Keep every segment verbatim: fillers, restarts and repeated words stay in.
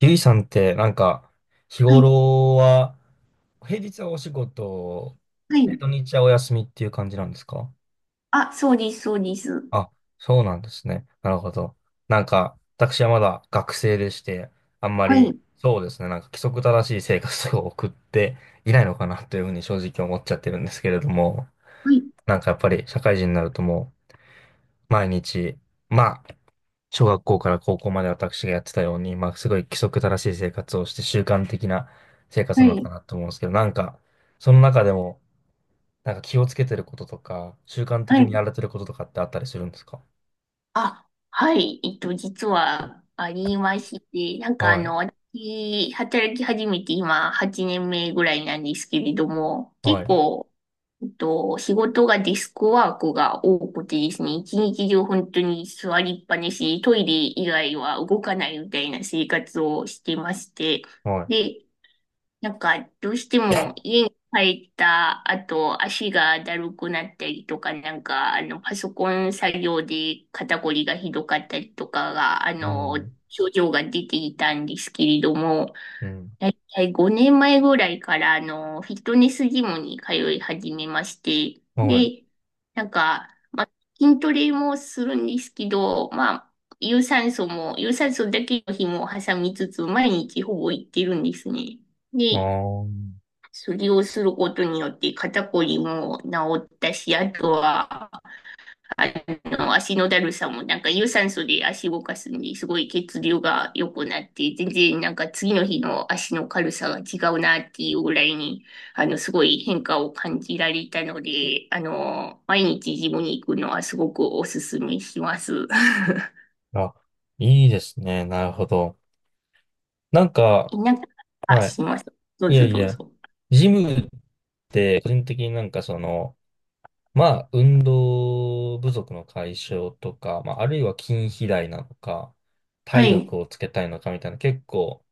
ゆいさんって、なんか、日はい。頃は、平日はお仕事、はで、い。土日はお休みっていう感じなんですか？あ、そうです、そうです。あ、そうなんですね。なるほど。なんか、私はまだ学生でして、あんまはり、い。そうですね、なんか規則正しい生活を送っていないのかなというふうに正直思っちゃってるんですけれども、はい。なんかやっぱり社会人になるともう、毎日、まあ、小学校から高校まで私がやってたように、まあ、すごい規則正しい生活をして習慣的な生活はなのかい。なと思うんですけど、なんか、その中でも、なんか気をつけてることとか、習慣は的にやい。られてることとかってあったりするんですか？あ、はい。えっと、実はありまして、なんかあはい、の、私、働き始めて今はちねんめぐらいなんですけれども、は結い、構、えっと、仕事がデスクワークが多くてですね、一日中本当に座りっぱなし、トイレ以外は動かないみたいな生活をしてまして、はい。で、なんか、どうしても家に帰った後、足がだるくなったりとか、なんか、あの、パソコン作業で肩こりがひどかったりとかが、あうの、ん、症状が出ていたんですけれども、うん、だいたいごねんまえぐらいから、あの、フィットネスジムに通い始めまして、はい。で、なんか、まあ、筋トレもするんですけど、まあ、有酸素も、有酸素だけの日も挟みつつ、毎日ほぼ行ってるんですね。あで、ー、それをすることによって肩こりも治ったし、あとは、あの、足のだるさも、なんか有酸素で足動かすんで、すごい血流が良くなって、全然なんか次の日の足の軽さが違うなっていうぐらいに、あの、すごい変化を感じられたので、あの、毎日ジムに行くのはすごくおすすめします。あ、いいですね。なるほど。なん か、なんか、あ、はい。しますどういやぞいどうや、ぞ。ジムって、個人的になんかその、まあ、運動不足の解消とか、まあ、あるいは筋肥大なのか、は体い、力をつけたいのかみたいな、結構、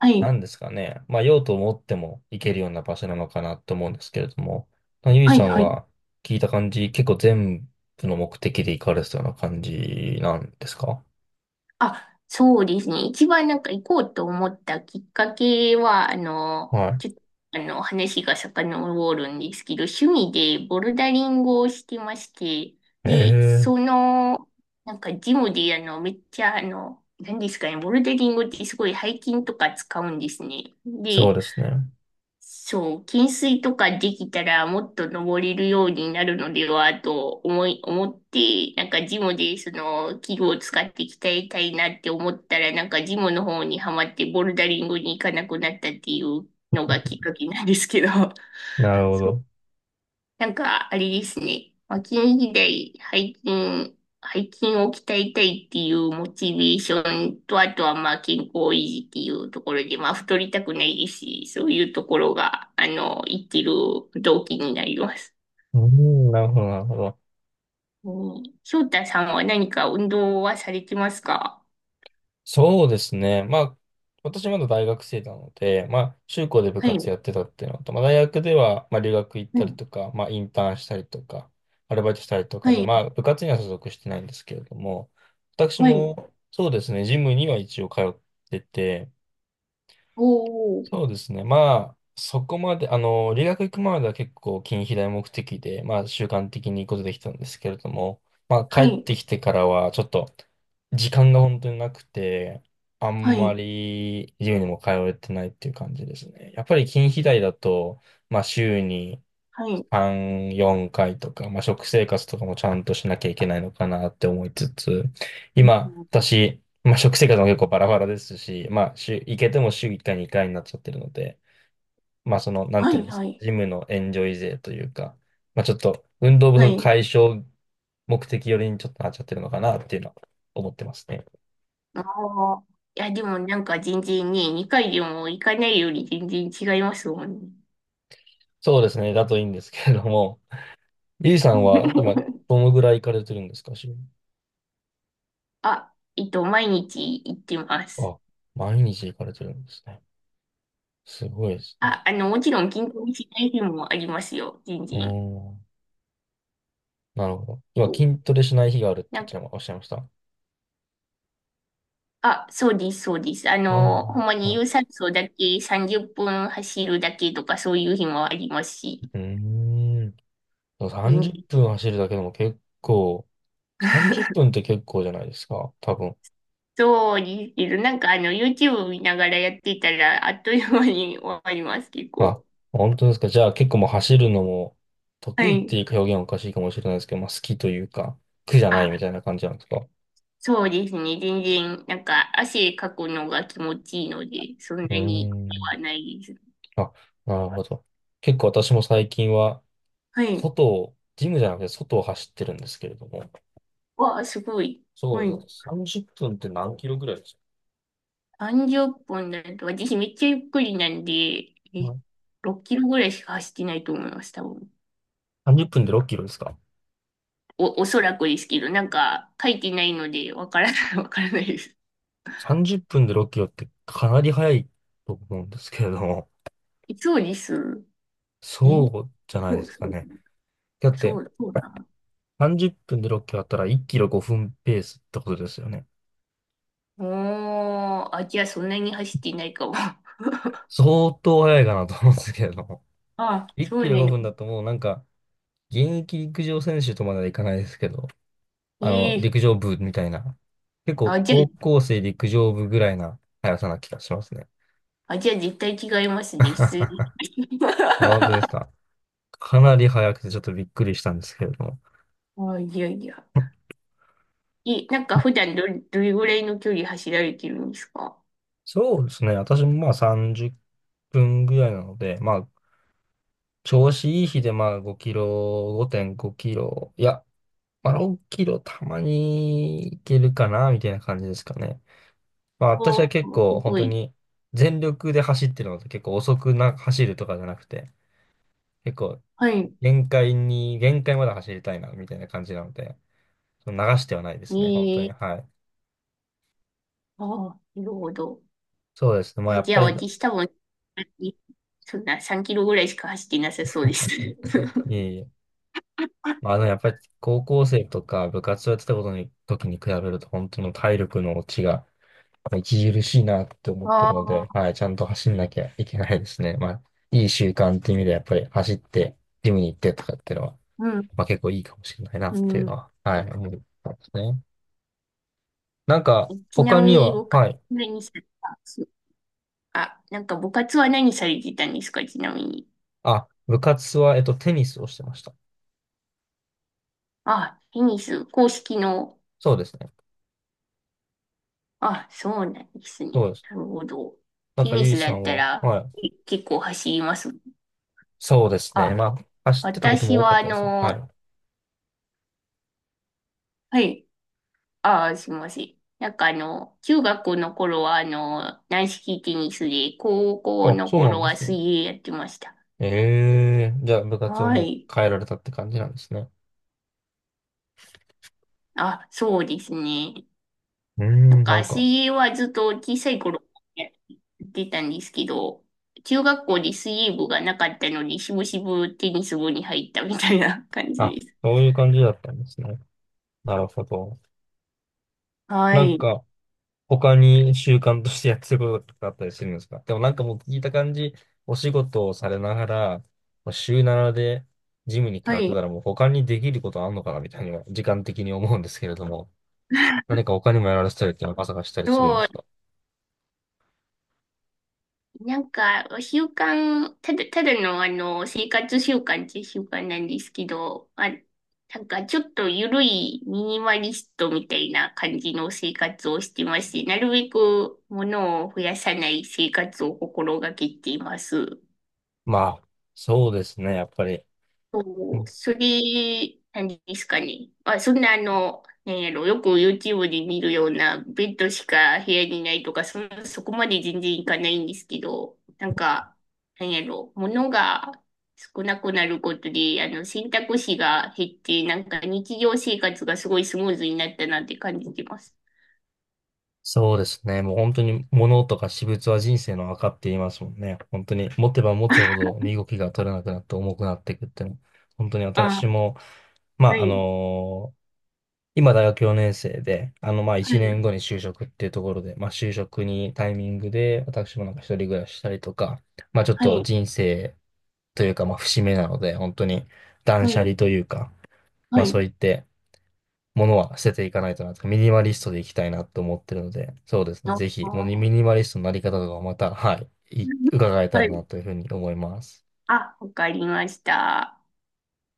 はない、んですかね。まあ、用途を持っても行けるような場所なのかなと思うんですけれども、まあ、ゆいはさい、んはい。は聞いた感じ、結構全部の目的で行かれてたような感じなんですか？あ、そうですね。一番なんか行こうと思ったきっかけは、あの、はちょっと、あの、話が遡るんですけど、趣味でボルダリングをしてまして、い。で、ええ、その、なんかジムで、あの、めっちゃ、あの、何ですかね、ボルダリングってすごい背筋とか使うんですね。そうで、ですね。そう、懸垂とかできたらもっと登れるようになるのではと思い、思って、なんかジムでその器具を使って鍛えたいなって思ったら、なんかジムの方にはまってボルダリングに行かなくなったっていうのがきっかけなんですけど、なるほそうど。なんか、あれですね。まあ、近時代、背筋、背筋を鍛えたいっていうモチベーションと、あとはまあ健康維持っていうところで、まあ太りたくないですし、そういうところが、あの、生きる動機になります。うん、なるほど、なるほど。うん、翔太さんは何か運動はされてますか？そうですね。まあ、私まだ大学生なので、まあ、中高で部は活い。やってたっていうのと、まあ、大学では、まあ、留学行っうたりん。とか、まあ、インターンしたりとか、アルバイトしたりとかはで、い。まあ、部活には所属してないんですけれども、私はい。も、そうですね、ジムには一応通ってて、おー。そうですね。まあ、そこまで、あの、留学行く前までは結構近畿大目的で、まあ、習慣的に行くことできたんですけれども、まあ、帰はっい。てきてからは、ちょっと、時間が本当になくて、あはんまい。り、自由にも通えてないっていう感じですね。やっぱり近畿大だと、まあ、週に、はい。さん、よんかいとか、まあ、食生活とかもちゃんとしなきゃいけないのかなって思いつつ、う今、ん私、まあ、食生活も結構バラバラですし、まあ、週、行けても週いっかい、にかいになっちゃってるので、まあ、その、なんはていうんい。ですはか、い。ジムのエンジョイ勢というか、まあ、ちょっと、運動不は足い。解消目的よりにちょっとなっちゃってるのかなっていうのは思ってますね。ああ。いや、でもなんか全然ね、にかいでも行かないより全然違いますもんね。そうですね、だといいんですけれども、ゆいさんは今、どのぐらい行かれてるんですか、週に？あ、えっと、毎日行ってます。あ、毎日行かれてるんですね。すごいですね。あ、あの、もちろん筋トレしない日もありますよ、全うー然。ん。なるほど。そ今、う筋トレしない日があるっておなっんしか、ゃいまおっしゃいました。あ、そうです、そうです。あうの、ほん。んまにはい。有酸素だけさんじゅっぷん走るだけとかそういう日もありますし。うーん。でも全然 さんじゅっぷん走るだけでも結構、さんじゅっぷんっぷん って結構じゃないですか。多分。そうですけど、なんかあの、YouTube 見ながらやってたら、あっという間に終わります、結まあ、構。本当ですか。じゃあ結構もう走るのもは得意ってい。いう表現はおかしいかもしれないですけど、まあ好きというか、苦じゃないみあたいな感じなんですか。うそうですね。全然、なんか、汗かくのが気持ちいいので、そんなーに苦でん。はないです。あ、なるほど。結構私も最近は、はい。外を、ジムじゃなくて外を走ってるんですけれども。わあ、すごい。そうはでい。すね。さんじゅっぷんっぷんって何キロぐらい？さんじゅっぷんだと、私めっちゃゆっくりなんで、はえ、い。ろっキロぐらいしか走ってないと思います、多分。さんじゅっぷんでろっキロですか？ お、おそらくですけど、なんか、書いてないので、わからない、わからないです。さんじゅう 分でろっキロってかなり早いと思うんですけれども、そうです。えそうじゃないそでう、すかそう、ね。だっそてう、そうなの。さんじゅっぷんでろっキロあったらいちキロごふんペースってことですよね。おー、あ、じゃあそんなに走ってないかも。相当早いかなと思うんですけれども。あ、1そキうロなんでごふんだとす。もうなんか、現役陸上選手とまではいかないですけど、えあの、え陸上部みたいな、結構あ、じゃ高あ校生陸上部ぐらいな速さな気がしますね。あ、じゃあ絶対違いま すね。失礼。あ、本当です か。かなり速くてちょっとびっくりしたんですけれども。あ、いやいや。え、なんか普段どれ、どれぐらいの距離走られてるんですか？そうですね。私もまあさんじゅっぷんぐらいなので、まあ、調子いい日でまあごキロ、ごてんごキロ、いや、まあろっキロたまにいけるかな、みたいな感じですかね。まあ私はわ結あ、す構本ご当い。に全力で走ってるので結構遅くな走るとかじゃなくて、結構はい。限界に、限界まで走りたいな、みたいな感じなので、その流してはないですね、本当に。ええはい。ああ、なるほど。そうですね。まあやあ、っじぱゃあり、い私多分、そんなさんキロぐらいしか走ってなさそうです。え いえ、まあ、あのやっぱり高校生とか部活をやってたことに、時に比べると本当の体力の落ちがまあ著しいなって思ってあるので、あ、はい、ちゃんと走んなきゃいけないですね。まあ、いい習慣っていう意味でやっぱり走って、ジムに行ってとかっていうのは、うん、まあ結構いいかもしれないなうっていうん。のは、はい、思ったんですね。なんか、ちな他みにには、部活はい、何されたすあ、なんか部活は何されてたんですかちなみに。あ、部活は、えっと、テニスをしてました。あ、テニス、公式の？そうですね。あ、そうなんですそうね。です。なるほど。なんテか、ニゆいスださっんたは、らはい、え結構走ります。そうですね。まあ、あ、走ってたことも私多かはっあたですね。はの、い。はい。あ、すいません。なんかあの、中学の頃はあの、軟式テニスで、高校あ、のそうなん頃ではす水ね。泳やってました。ええ、じゃあ部活をはもい。う変えられたって感じなんですね。あ、そうですね。うーなんん、なかんか、水泳はずっと小さい頃やってたんですけど、中学校で水泳部がなかったので、しぶしぶテニス部に入ったみたいな感じあ、です。そういう感じだったんですね。なるほど。はなんい。か、他に習慣としてやってることとかあったりするんですか？でもなんかもう聞いた感じ、お仕事をされながら、まあ週ななでジムに通はってい。たらもう他にできることあんのかなみたいには、時間的に思うんですけれども、何か他にもやられたりっていうのは朝がしたりそするんでう、すか？なんか、習慣、ただ、ただのあの、生活習慣っていう習慣なんですけど、あ、なんかちょっと緩いミニマリストみたいな感じの生活をしてまして、なるべく物を増やさない生活を心がけています。まあ、そうですね。やっぱり。そう、杉、何ですかね。あ、そんなあの、なんやろ、よく YouTube で見るようなベッドしか部屋にないとか、そん、そこまで全然いかないんですけど、なんか、なんやろ、物が少なくなることで、あの、選択肢が減って、なんか日常生活がすごいスムーズになったなって感じてます。そうですね。もう本当に物とか私物は人生の赤って言いますもんね。本当に持てば持つほ ど身動きが取れなくなって重くなっていくっていうの。本当に私あ、も、まはあ、あい、の、今大学よねん生で、あの、まあ、は1い、年後に就職っていうところで、まあ、就職にタイミングで、私もなんか一人暮らししたりとか、まあ、ちょっはとい、人生というか、まあ、節目なので、本当に断は捨い、離というか、はまあ、そい。ういって、ものは捨てていかないとなと、ミニマリストでいきたいなと思ってるので、そうですね。あぜひ、もうミー ニマリストのなり方とかをまた、はい、い 伺えたはらい。なというふうに思います。あ、わかりました。